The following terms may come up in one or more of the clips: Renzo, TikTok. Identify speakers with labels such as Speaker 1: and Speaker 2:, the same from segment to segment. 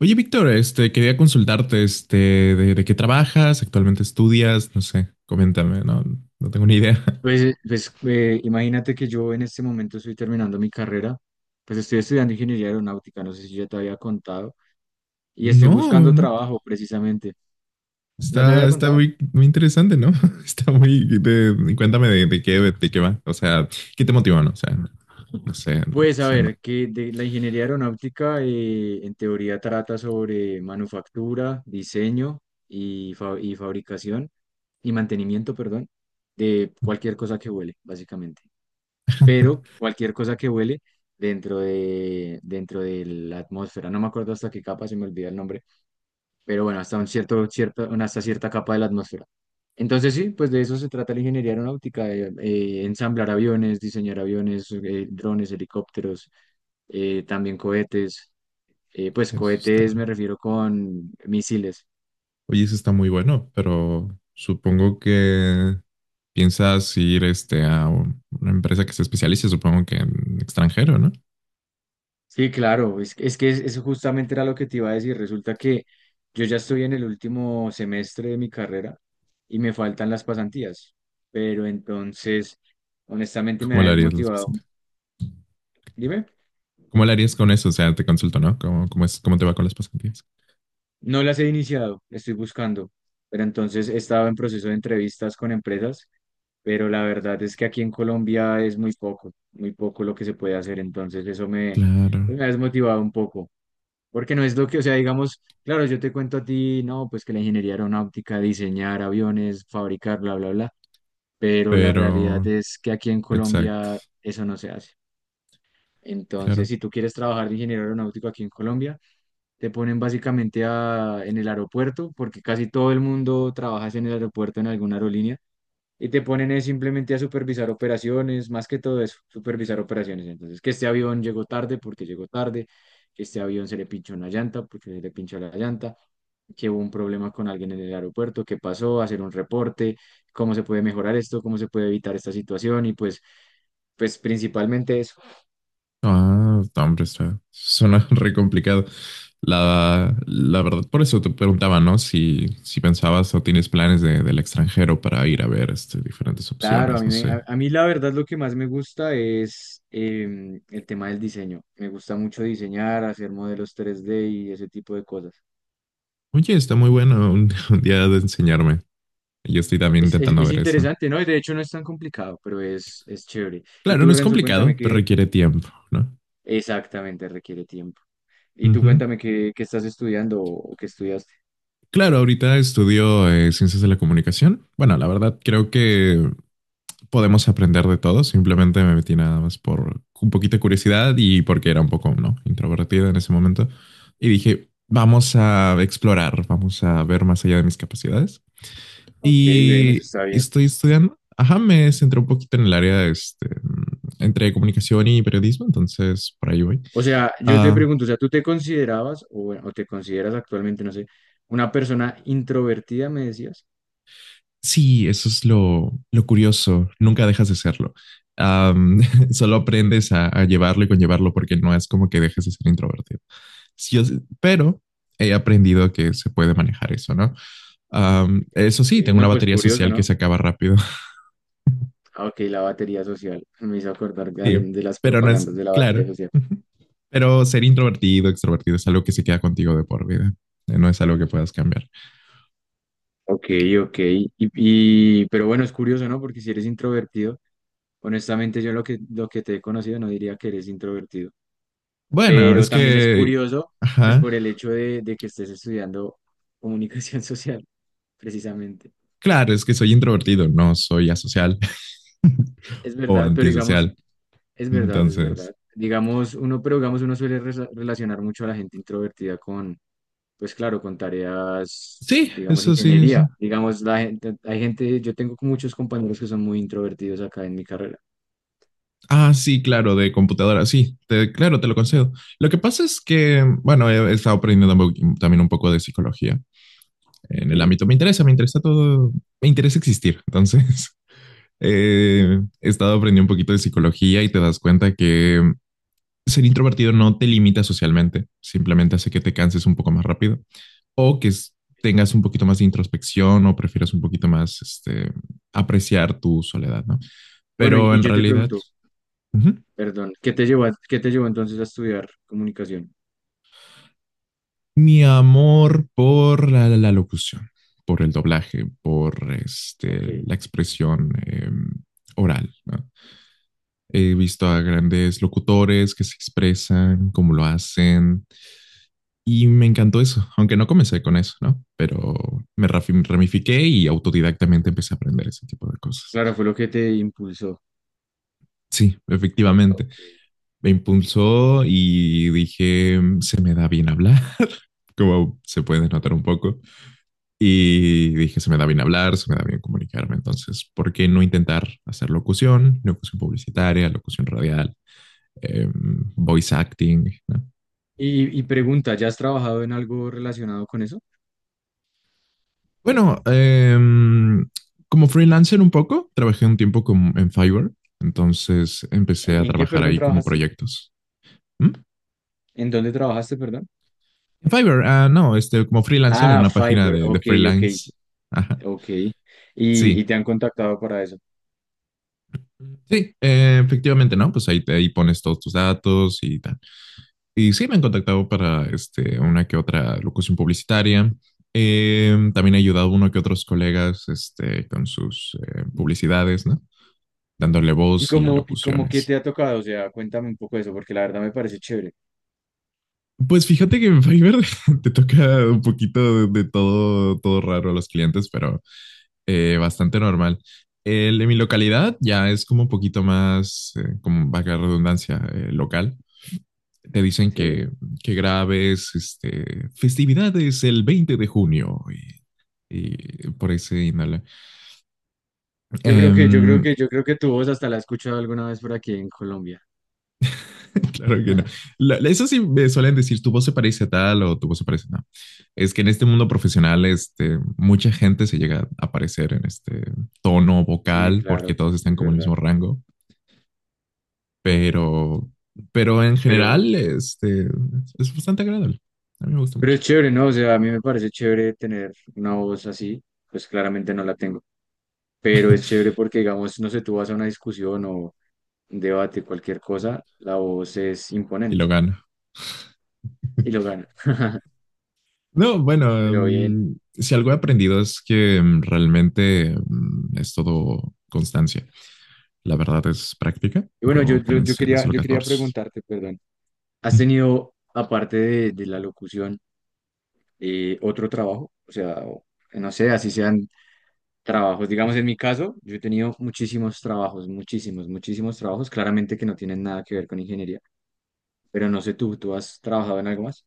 Speaker 1: Oye, Víctor, quería consultarte, de qué trabajas, actualmente estudias, no sé, coméntame, no, no tengo ni idea.
Speaker 2: Pues, imagínate que yo en este momento estoy terminando mi carrera, pues estoy estudiando ingeniería aeronáutica, no sé si ya te había contado, y estoy
Speaker 1: No,
Speaker 2: buscando
Speaker 1: no,
Speaker 2: trabajo precisamente. ¿No te
Speaker 1: está,
Speaker 2: había
Speaker 1: está
Speaker 2: contado?
Speaker 1: muy, muy interesante, ¿no? Está muy, cuéntame de qué va, o sea, ¿qué te motivó, no? O sea, no sé, no, no
Speaker 2: Pues a
Speaker 1: sé, no.
Speaker 2: ver, que de la ingeniería aeronáutica en teoría trata sobre manufactura, diseño y, y fabricación y mantenimiento, perdón, de cualquier cosa que vuele, básicamente. Pero cualquier cosa que vuele dentro de la atmósfera, no me acuerdo hasta qué capa, se me olvida el nombre, pero bueno, hasta un hasta cierta capa de la atmósfera. Entonces sí, pues de eso se trata la ingeniería aeronáutica, de ensamblar aviones, diseñar aviones, drones, helicópteros, también cohetes, pues
Speaker 1: Eso está,
Speaker 2: cohetes me refiero con misiles.
Speaker 1: oye, eso está muy bueno, pero supongo que piensas ir, a una empresa que se especialice, supongo que en extranjero, ¿no?
Speaker 2: Sí, claro, es que eso justamente era lo que te iba a decir. Resulta que yo ya estoy en el último semestre de mi carrera y me faltan las pasantías, pero entonces, honestamente, me
Speaker 1: ¿Cómo
Speaker 2: ha
Speaker 1: lo harías
Speaker 2: desmotivado. Dime,
Speaker 1: ¿Cómo le harías con eso? O sea, te consulto, ¿no? ¿Cómo es, cómo te va con las pasantías?
Speaker 2: no las he iniciado, estoy buscando, pero entonces he estado en proceso de entrevistas con empresas, pero la verdad es que aquí en Colombia es muy poco lo que se puede hacer, entonces
Speaker 1: Claro,
Speaker 2: me ha desmotivado un poco. Porque no es lo que, o sea, digamos, claro, yo te cuento a ti, no, pues que la ingeniería aeronáutica, diseñar aviones, fabricar, bla, bla, bla, pero la realidad
Speaker 1: pero,
Speaker 2: es que aquí en
Speaker 1: exacto,
Speaker 2: Colombia eso no se hace. Entonces,
Speaker 1: claro.
Speaker 2: si tú quieres trabajar de ingeniero aeronáutico aquí en Colombia, te ponen básicamente en el aeropuerto, porque casi todo el mundo trabaja en el aeropuerto en alguna aerolínea, y te ponen es simplemente a supervisar operaciones, más que todo eso, supervisar operaciones. Entonces, que este avión llegó tarde porque llegó tarde, que este avión se le pinchó una llanta porque se le pinchó la llanta, que hubo un problema con alguien en el aeropuerto, qué pasó, hacer un reporte, cómo se puede mejorar esto, cómo se puede evitar esta situación y pues, pues principalmente eso.
Speaker 1: Ah, no, hombre, está, suena re complicado. La verdad, por eso te preguntaba, ¿no? Si pensabas o tienes planes del extranjero para ir a ver diferentes
Speaker 2: Claro, a
Speaker 1: opciones,
Speaker 2: mí,
Speaker 1: no
Speaker 2: me-
Speaker 1: sé.
Speaker 2: a, a mí la verdad lo que más me gusta es el tema del diseño. Me gusta mucho diseñar, hacer modelos 3D y ese tipo de cosas.
Speaker 1: Oye, está muy bueno un, un día de enseñarme. Yo estoy también
Speaker 2: Es, es,
Speaker 1: intentando
Speaker 2: es
Speaker 1: ver eso.
Speaker 2: interesante, ¿no? Y de hecho no es tan complicado, pero es chévere. Y
Speaker 1: Claro, no
Speaker 2: tú,
Speaker 1: es
Speaker 2: Renzo, cuéntame
Speaker 1: complicado, pero
Speaker 2: qué
Speaker 1: requiere tiempo, ¿no?
Speaker 2: exactamente requiere tiempo. Y tú
Speaker 1: Ujú.
Speaker 2: cuéntame qué estás estudiando o qué estudiaste.
Speaker 1: Claro, ahorita estudio ciencias de la comunicación. Bueno, la verdad creo que podemos aprender de todo. Simplemente me metí nada más por un poquito de curiosidad y porque era un poco, ¿no? introvertida en ese momento. Y dije, vamos a explorar, vamos a ver más allá de mis capacidades.
Speaker 2: Ok, bien, eso
Speaker 1: Y
Speaker 2: está bien.
Speaker 1: estoy estudiando. Ajá, me centré un poquito en el área entre comunicación y periodismo, entonces por ahí voy.
Speaker 2: O sea, yo te
Speaker 1: Ah,
Speaker 2: pregunto, o sea, ¿tú te considerabas o, bueno, o te consideras actualmente, no sé, una persona introvertida, me decías?
Speaker 1: sí, eso es lo curioso. Nunca dejas de serlo. Am, Solo aprendes a llevarlo y conllevarlo porque no es como que dejes de ser introvertido. Sí, pero he aprendido que se puede manejar eso, ¿no? Eso sí,
Speaker 2: Ok.
Speaker 1: tengo
Speaker 2: No,
Speaker 1: una
Speaker 2: pues
Speaker 1: batería
Speaker 2: curioso,
Speaker 1: social que
Speaker 2: ¿no?
Speaker 1: se acaba rápido.
Speaker 2: Ah, ok, la batería social. Me hizo acordar
Speaker 1: Sí,
Speaker 2: de las
Speaker 1: pero no es
Speaker 2: propagandas de la batería
Speaker 1: claro.
Speaker 2: social.
Speaker 1: Pero ser introvertido, extrovertido es algo que se queda contigo de por vida. No es algo que puedas cambiar.
Speaker 2: Ok, ok. Y pero bueno, es curioso, ¿no? Porque si eres introvertido. Honestamente, yo lo que te he conocido no diría que eres introvertido,
Speaker 1: Bueno,
Speaker 2: pero
Speaker 1: es
Speaker 2: también es
Speaker 1: que,
Speaker 2: curioso, pues
Speaker 1: ajá.
Speaker 2: por el hecho de que estés estudiando comunicación social, precisamente.
Speaker 1: Claro, es que soy introvertido, no soy asocial.
Speaker 2: Es
Speaker 1: O
Speaker 2: verdad, pero digamos,
Speaker 1: antisocial.
Speaker 2: es verdad, es
Speaker 1: Entonces,
Speaker 2: verdad. Digamos, uno, pero digamos, uno suele relacionar mucho a la gente introvertida con, pues claro, con tareas,
Speaker 1: sí,
Speaker 2: digamos,
Speaker 1: eso sí, sí.
Speaker 2: ingeniería. Digamos, la gente, hay gente, yo tengo muchos compañeros que son muy introvertidos acá en mi carrera.
Speaker 1: Ah, sí, claro, de computadora, sí, claro, te lo concedo. Lo que pasa es que, bueno, he estado aprendiendo un también un poco de psicología en el
Speaker 2: Ok.
Speaker 1: ámbito. Me interesa todo, me interesa existir. Entonces, he estado aprendiendo un poquito de psicología y te das cuenta que ser introvertido no te limita socialmente, simplemente hace que te canses un poco más rápido o que tengas un poquito más de introspección o prefieras un poquito más apreciar tu soledad, ¿no?
Speaker 2: Bueno, y,
Speaker 1: Pero
Speaker 2: y
Speaker 1: en
Speaker 2: yo te
Speaker 1: realidad,
Speaker 2: pregunto,
Speaker 1: ujú,
Speaker 2: perdón, ¿qué te llevó, qué te llevó entonces a estudiar comunicación?
Speaker 1: mi amor por la locución, por el doblaje, por
Speaker 2: Ok,
Speaker 1: la expresión oral, ¿no? He visto a grandes locutores que se expresan, cómo lo hacen, y me encantó eso, aunque no comencé con eso, ¿no? Pero me ramifiqué y autodidactamente empecé a aprender ese tipo de cosas.
Speaker 2: claro, fue lo que te impulsó.
Speaker 1: Sí, efectivamente.
Speaker 2: Ok.
Speaker 1: Me impulsó y dije, " Se me da bien hablar, como se puede notar un poco. Y dije, se me da bien hablar, se me da bien comunicarme. Entonces, ¿por qué no intentar hacer locución, locución publicitaria, locución radial, eh, voice acting? ¿No?
Speaker 2: Y pregunta, ¿ya has trabajado en algo relacionado con eso?
Speaker 1: Bueno, como freelancer un poco, trabajé un tiempo con, en Fiverr. Entonces empecé a
Speaker 2: ¿En qué,
Speaker 1: trabajar
Speaker 2: perdón,
Speaker 1: ahí como
Speaker 2: trabajaste?
Speaker 1: proyectos. ¿Mm?
Speaker 2: ¿En dónde trabajaste, perdón?
Speaker 1: En Fiverr, ah, no, como freelancer en
Speaker 2: Ah,
Speaker 1: una página
Speaker 2: Fiverr,
Speaker 1: de
Speaker 2: ok, ok,
Speaker 1: freelance. Ajá.
Speaker 2: ok. Y
Speaker 1: Sí,
Speaker 2: te han contactado para eso.
Speaker 1: sí, efectivamente, ¿no? Pues ahí pones todos tus datos y tal. Y sí, me han contactado para una que otra locución publicitaria. También he ayudado a uno que otros colegas con sus publicidades, ¿no? Dándole
Speaker 2: ¿Y
Speaker 1: voz y
Speaker 2: cómo, y cómo qué
Speaker 1: locuciones.
Speaker 2: te ha tocado? O sea, cuéntame un poco eso, porque la verdad me parece chévere.
Speaker 1: Pues fíjate que en Fiverr te toca un poquito de todo, todo raro a los clientes, pero bastante normal. El de mi localidad ya es como un poquito más, como vaga redundancia, local. Te dicen
Speaker 2: Sí.
Speaker 1: que, grabes festividades el 20 de junio y por ahí se inhala.
Speaker 2: Yo creo que, yo creo
Speaker 1: Em,
Speaker 2: que, yo creo que tu voz hasta la he escuchado alguna vez por aquí en Colombia.
Speaker 1: claro que no. Eso sí me suelen decir, tu voz se parece a tal o tu voz se parece a no. Es que en este mundo profesional, mucha gente se llega a parecer en este tono
Speaker 2: Sí,
Speaker 1: vocal
Speaker 2: claro,
Speaker 1: porque todos están
Speaker 2: es
Speaker 1: como en el
Speaker 2: verdad.
Speaker 1: mismo rango, pero, pero en
Speaker 2: Pero
Speaker 1: general, es bastante agradable. A mí me gusta
Speaker 2: Pero
Speaker 1: mucho
Speaker 2: es chévere, ¿no? O sea, a mí me parece chévere tener una voz así, pues claramente no la tengo, pero es chévere porque, digamos, no sé, tú vas a una discusión o un debate, cualquier cosa, la voz es
Speaker 1: y lo
Speaker 2: imponente
Speaker 1: gano.
Speaker 2: y lo gana,
Speaker 1: No, bueno,
Speaker 2: pero bien.
Speaker 1: si algo he aprendido es que realmente es todo constancia. La verdad es práctica.
Speaker 2: Y bueno, yo,
Speaker 1: Yo
Speaker 2: yo, yo
Speaker 1: comencé
Speaker 2: quería,
Speaker 1: desde los
Speaker 2: yo quería
Speaker 1: 14.
Speaker 2: preguntarte, perdón, ¿has tenido, aparte de la locución, otro trabajo? O sea, no sé, así sean trabajos, digamos, en mi caso, yo he tenido muchísimos trabajos, muchísimos trabajos, claramente que no tienen nada que ver con ingeniería. Pero no sé tú, ¿tú has trabajado en algo más?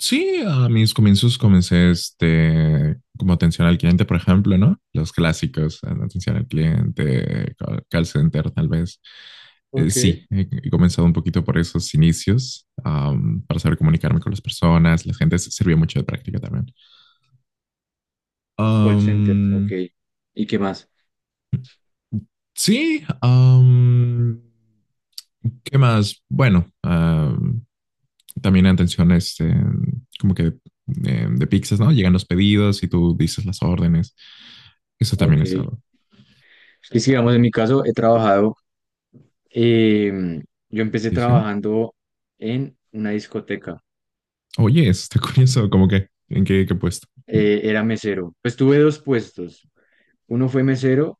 Speaker 1: Sí, a mis comienzos comencé como atención al cliente, por ejemplo, ¿no? Los clásicos, atención al cliente, call center, tal vez.
Speaker 2: Ok.
Speaker 1: Sí, he comenzado un poquito por esos inicios, para saber comunicarme con las personas. La gente sirvió mucho de práctica también.
Speaker 2: Call center, ok. ¿Y qué más?
Speaker 1: Sí, ¿qué más? Bueno, también atención, como que de pizzas, ¿no? Llegan los pedidos y tú dices las órdenes. Eso también
Speaker 2: Ok.
Speaker 1: es
Speaker 2: Es
Speaker 1: algo.
Speaker 2: que, digamos, en mi caso he trabajado, em, yo empecé
Speaker 1: Dice,
Speaker 2: trabajando en una discoteca.
Speaker 1: oye, eso está curioso, como que, ¿en qué, qué puesto?
Speaker 2: Era mesero. Pues tuve dos puestos, uno fue mesero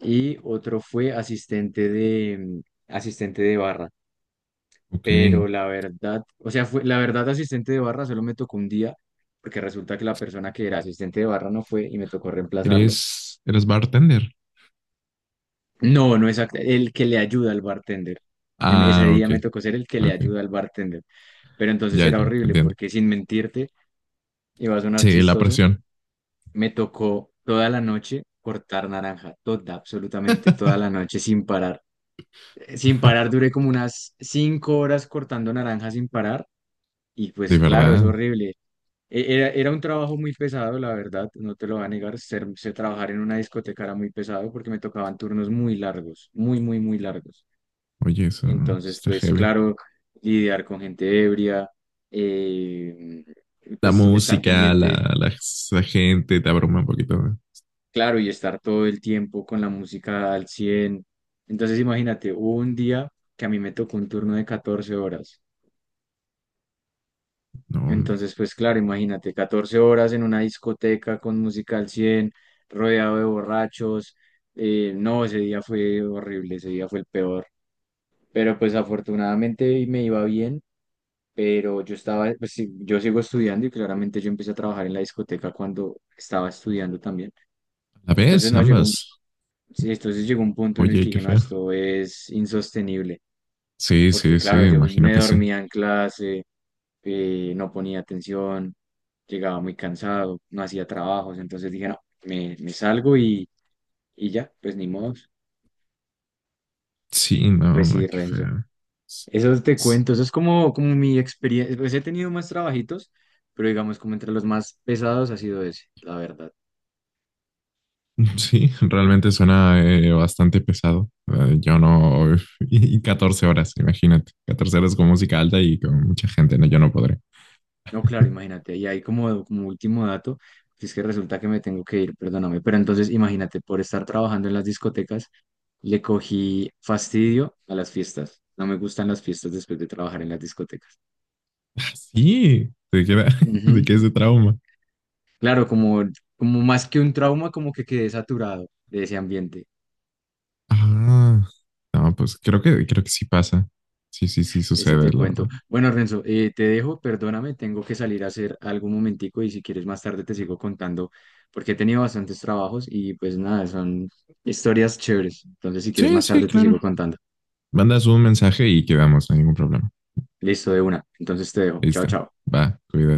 Speaker 2: y otro fue asistente de, asistente de barra.
Speaker 1: Ok,
Speaker 2: Pero la verdad, o sea, fue, la verdad asistente de barra solo me tocó un día, porque resulta que la persona que era asistente de barra no fue y me tocó reemplazarlo.
Speaker 1: eres bartender.
Speaker 2: No, no exacto. El que le ayuda al bartender. Ese
Speaker 1: Ah, ok,
Speaker 2: día me tocó ser el que le
Speaker 1: ok,
Speaker 2: ayuda al bartender. Pero entonces
Speaker 1: ya, ya,
Speaker 2: era
Speaker 1: te
Speaker 2: horrible
Speaker 1: entiendo.
Speaker 2: porque sin mentirte, iba a sonar
Speaker 1: Sí, la
Speaker 2: chistoso,
Speaker 1: presión,
Speaker 2: me tocó toda la noche cortar naranja, toda, absolutamente toda la noche sin parar. Sin parar duré como unas 5 horas cortando naranja sin parar y
Speaker 1: de
Speaker 2: pues claro, es
Speaker 1: verdad.
Speaker 2: horrible. Era un trabajo muy pesado, la verdad, no te lo voy a negar, trabajar en una discoteca era muy pesado porque me tocaban turnos muy largos, muy largos.
Speaker 1: Oye, eso
Speaker 2: Entonces,
Speaker 1: está
Speaker 2: pues
Speaker 1: heavy.
Speaker 2: claro, lidiar con gente ebria, eh,
Speaker 1: La
Speaker 2: pues estar
Speaker 1: música,
Speaker 2: pendiente,
Speaker 1: la, la gente te abruma un poquito. No,
Speaker 2: claro, y estar todo el tiempo con la música al cien. Entonces, imagínate, hubo un día que a mí me tocó un turno de 14 horas.
Speaker 1: no, hombre.
Speaker 2: Entonces, pues claro, imagínate, 14 horas en una discoteca con música al 100 rodeado de borrachos. No, ese día fue horrible, ese día fue el peor. Pero pues afortunadamente me iba bien, pero yo estaba, pues, sí, yo sigo estudiando y claramente yo empecé a trabajar en la discoteca cuando estaba estudiando también.
Speaker 1: ¿La
Speaker 2: Entonces
Speaker 1: ves?
Speaker 2: no llegó un,
Speaker 1: Ambas.
Speaker 2: sí, entonces llegó un punto en el
Speaker 1: Oye,
Speaker 2: que
Speaker 1: qué
Speaker 2: dije, no,
Speaker 1: fea.
Speaker 2: esto es insostenible,
Speaker 1: Sí,
Speaker 2: porque
Speaker 1: sí, sí,
Speaker 2: claro, yo me
Speaker 1: imagino
Speaker 2: me
Speaker 1: que sí.
Speaker 2: dormía en clase, no ponía atención, llegaba muy cansado, no hacía trabajos, entonces dije, no, me salgo y ya, pues ni modo,
Speaker 1: Sí, no,
Speaker 2: pues
Speaker 1: no,
Speaker 2: sí,
Speaker 1: qué
Speaker 2: Renzo.
Speaker 1: fea. S-
Speaker 2: Eso te
Speaker 1: s-
Speaker 2: cuento, eso es como, como mi experiencia. Pues he tenido más trabajitos, pero digamos, como entre los más pesados ha sido ese, la verdad.
Speaker 1: Sí, realmente suena bastante pesado. Yo no. Y 14 horas, imagínate. 14 horas con música alta y con mucha gente, no, yo no podré.
Speaker 2: No, claro, imagínate. Y ahí como, como último dato, es que resulta que me tengo que ir, perdóname. Pero entonces, imagínate, por estar trabajando en las discotecas, le cogí fastidio a las fiestas. No me gustan las fiestas después de trabajar en las discotecas.
Speaker 1: Ah, sí, te queda, te
Speaker 2: Ujú.
Speaker 1: queda ese trauma.
Speaker 2: Claro, como, como más que un trauma, como que quedé saturado de ese ambiente.
Speaker 1: Ah, no, pues creo que sí pasa. Sí, sí, sí
Speaker 2: Eso
Speaker 1: sucede,
Speaker 2: te
Speaker 1: la
Speaker 2: cuento.
Speaker 1: verdad.
Speaker 2: Bueno, Renzo, te dejo, perdóname, tengo que salir a hacer algún momentico y si quieres más tarde te sigo contando porque he tenido bastantes trabajos y pues nada, son historias chéveres. Entonces, si quieres
Speaker 1: Sí,
Speaker 2: más
Speaker 1: sí,
Speaker 2: tarde te sigo
Speaker 1: claro.
Speaker 2: contando.
Speaker 1: Mandas un mensaje y quedamos, no hay ningún problema.
Speaker 2: Listo, de una. Entonces te dejo. Chao,
Speaker 1: Listo.
Speaker 2: chao.
Speaker 1: Va, cuídate.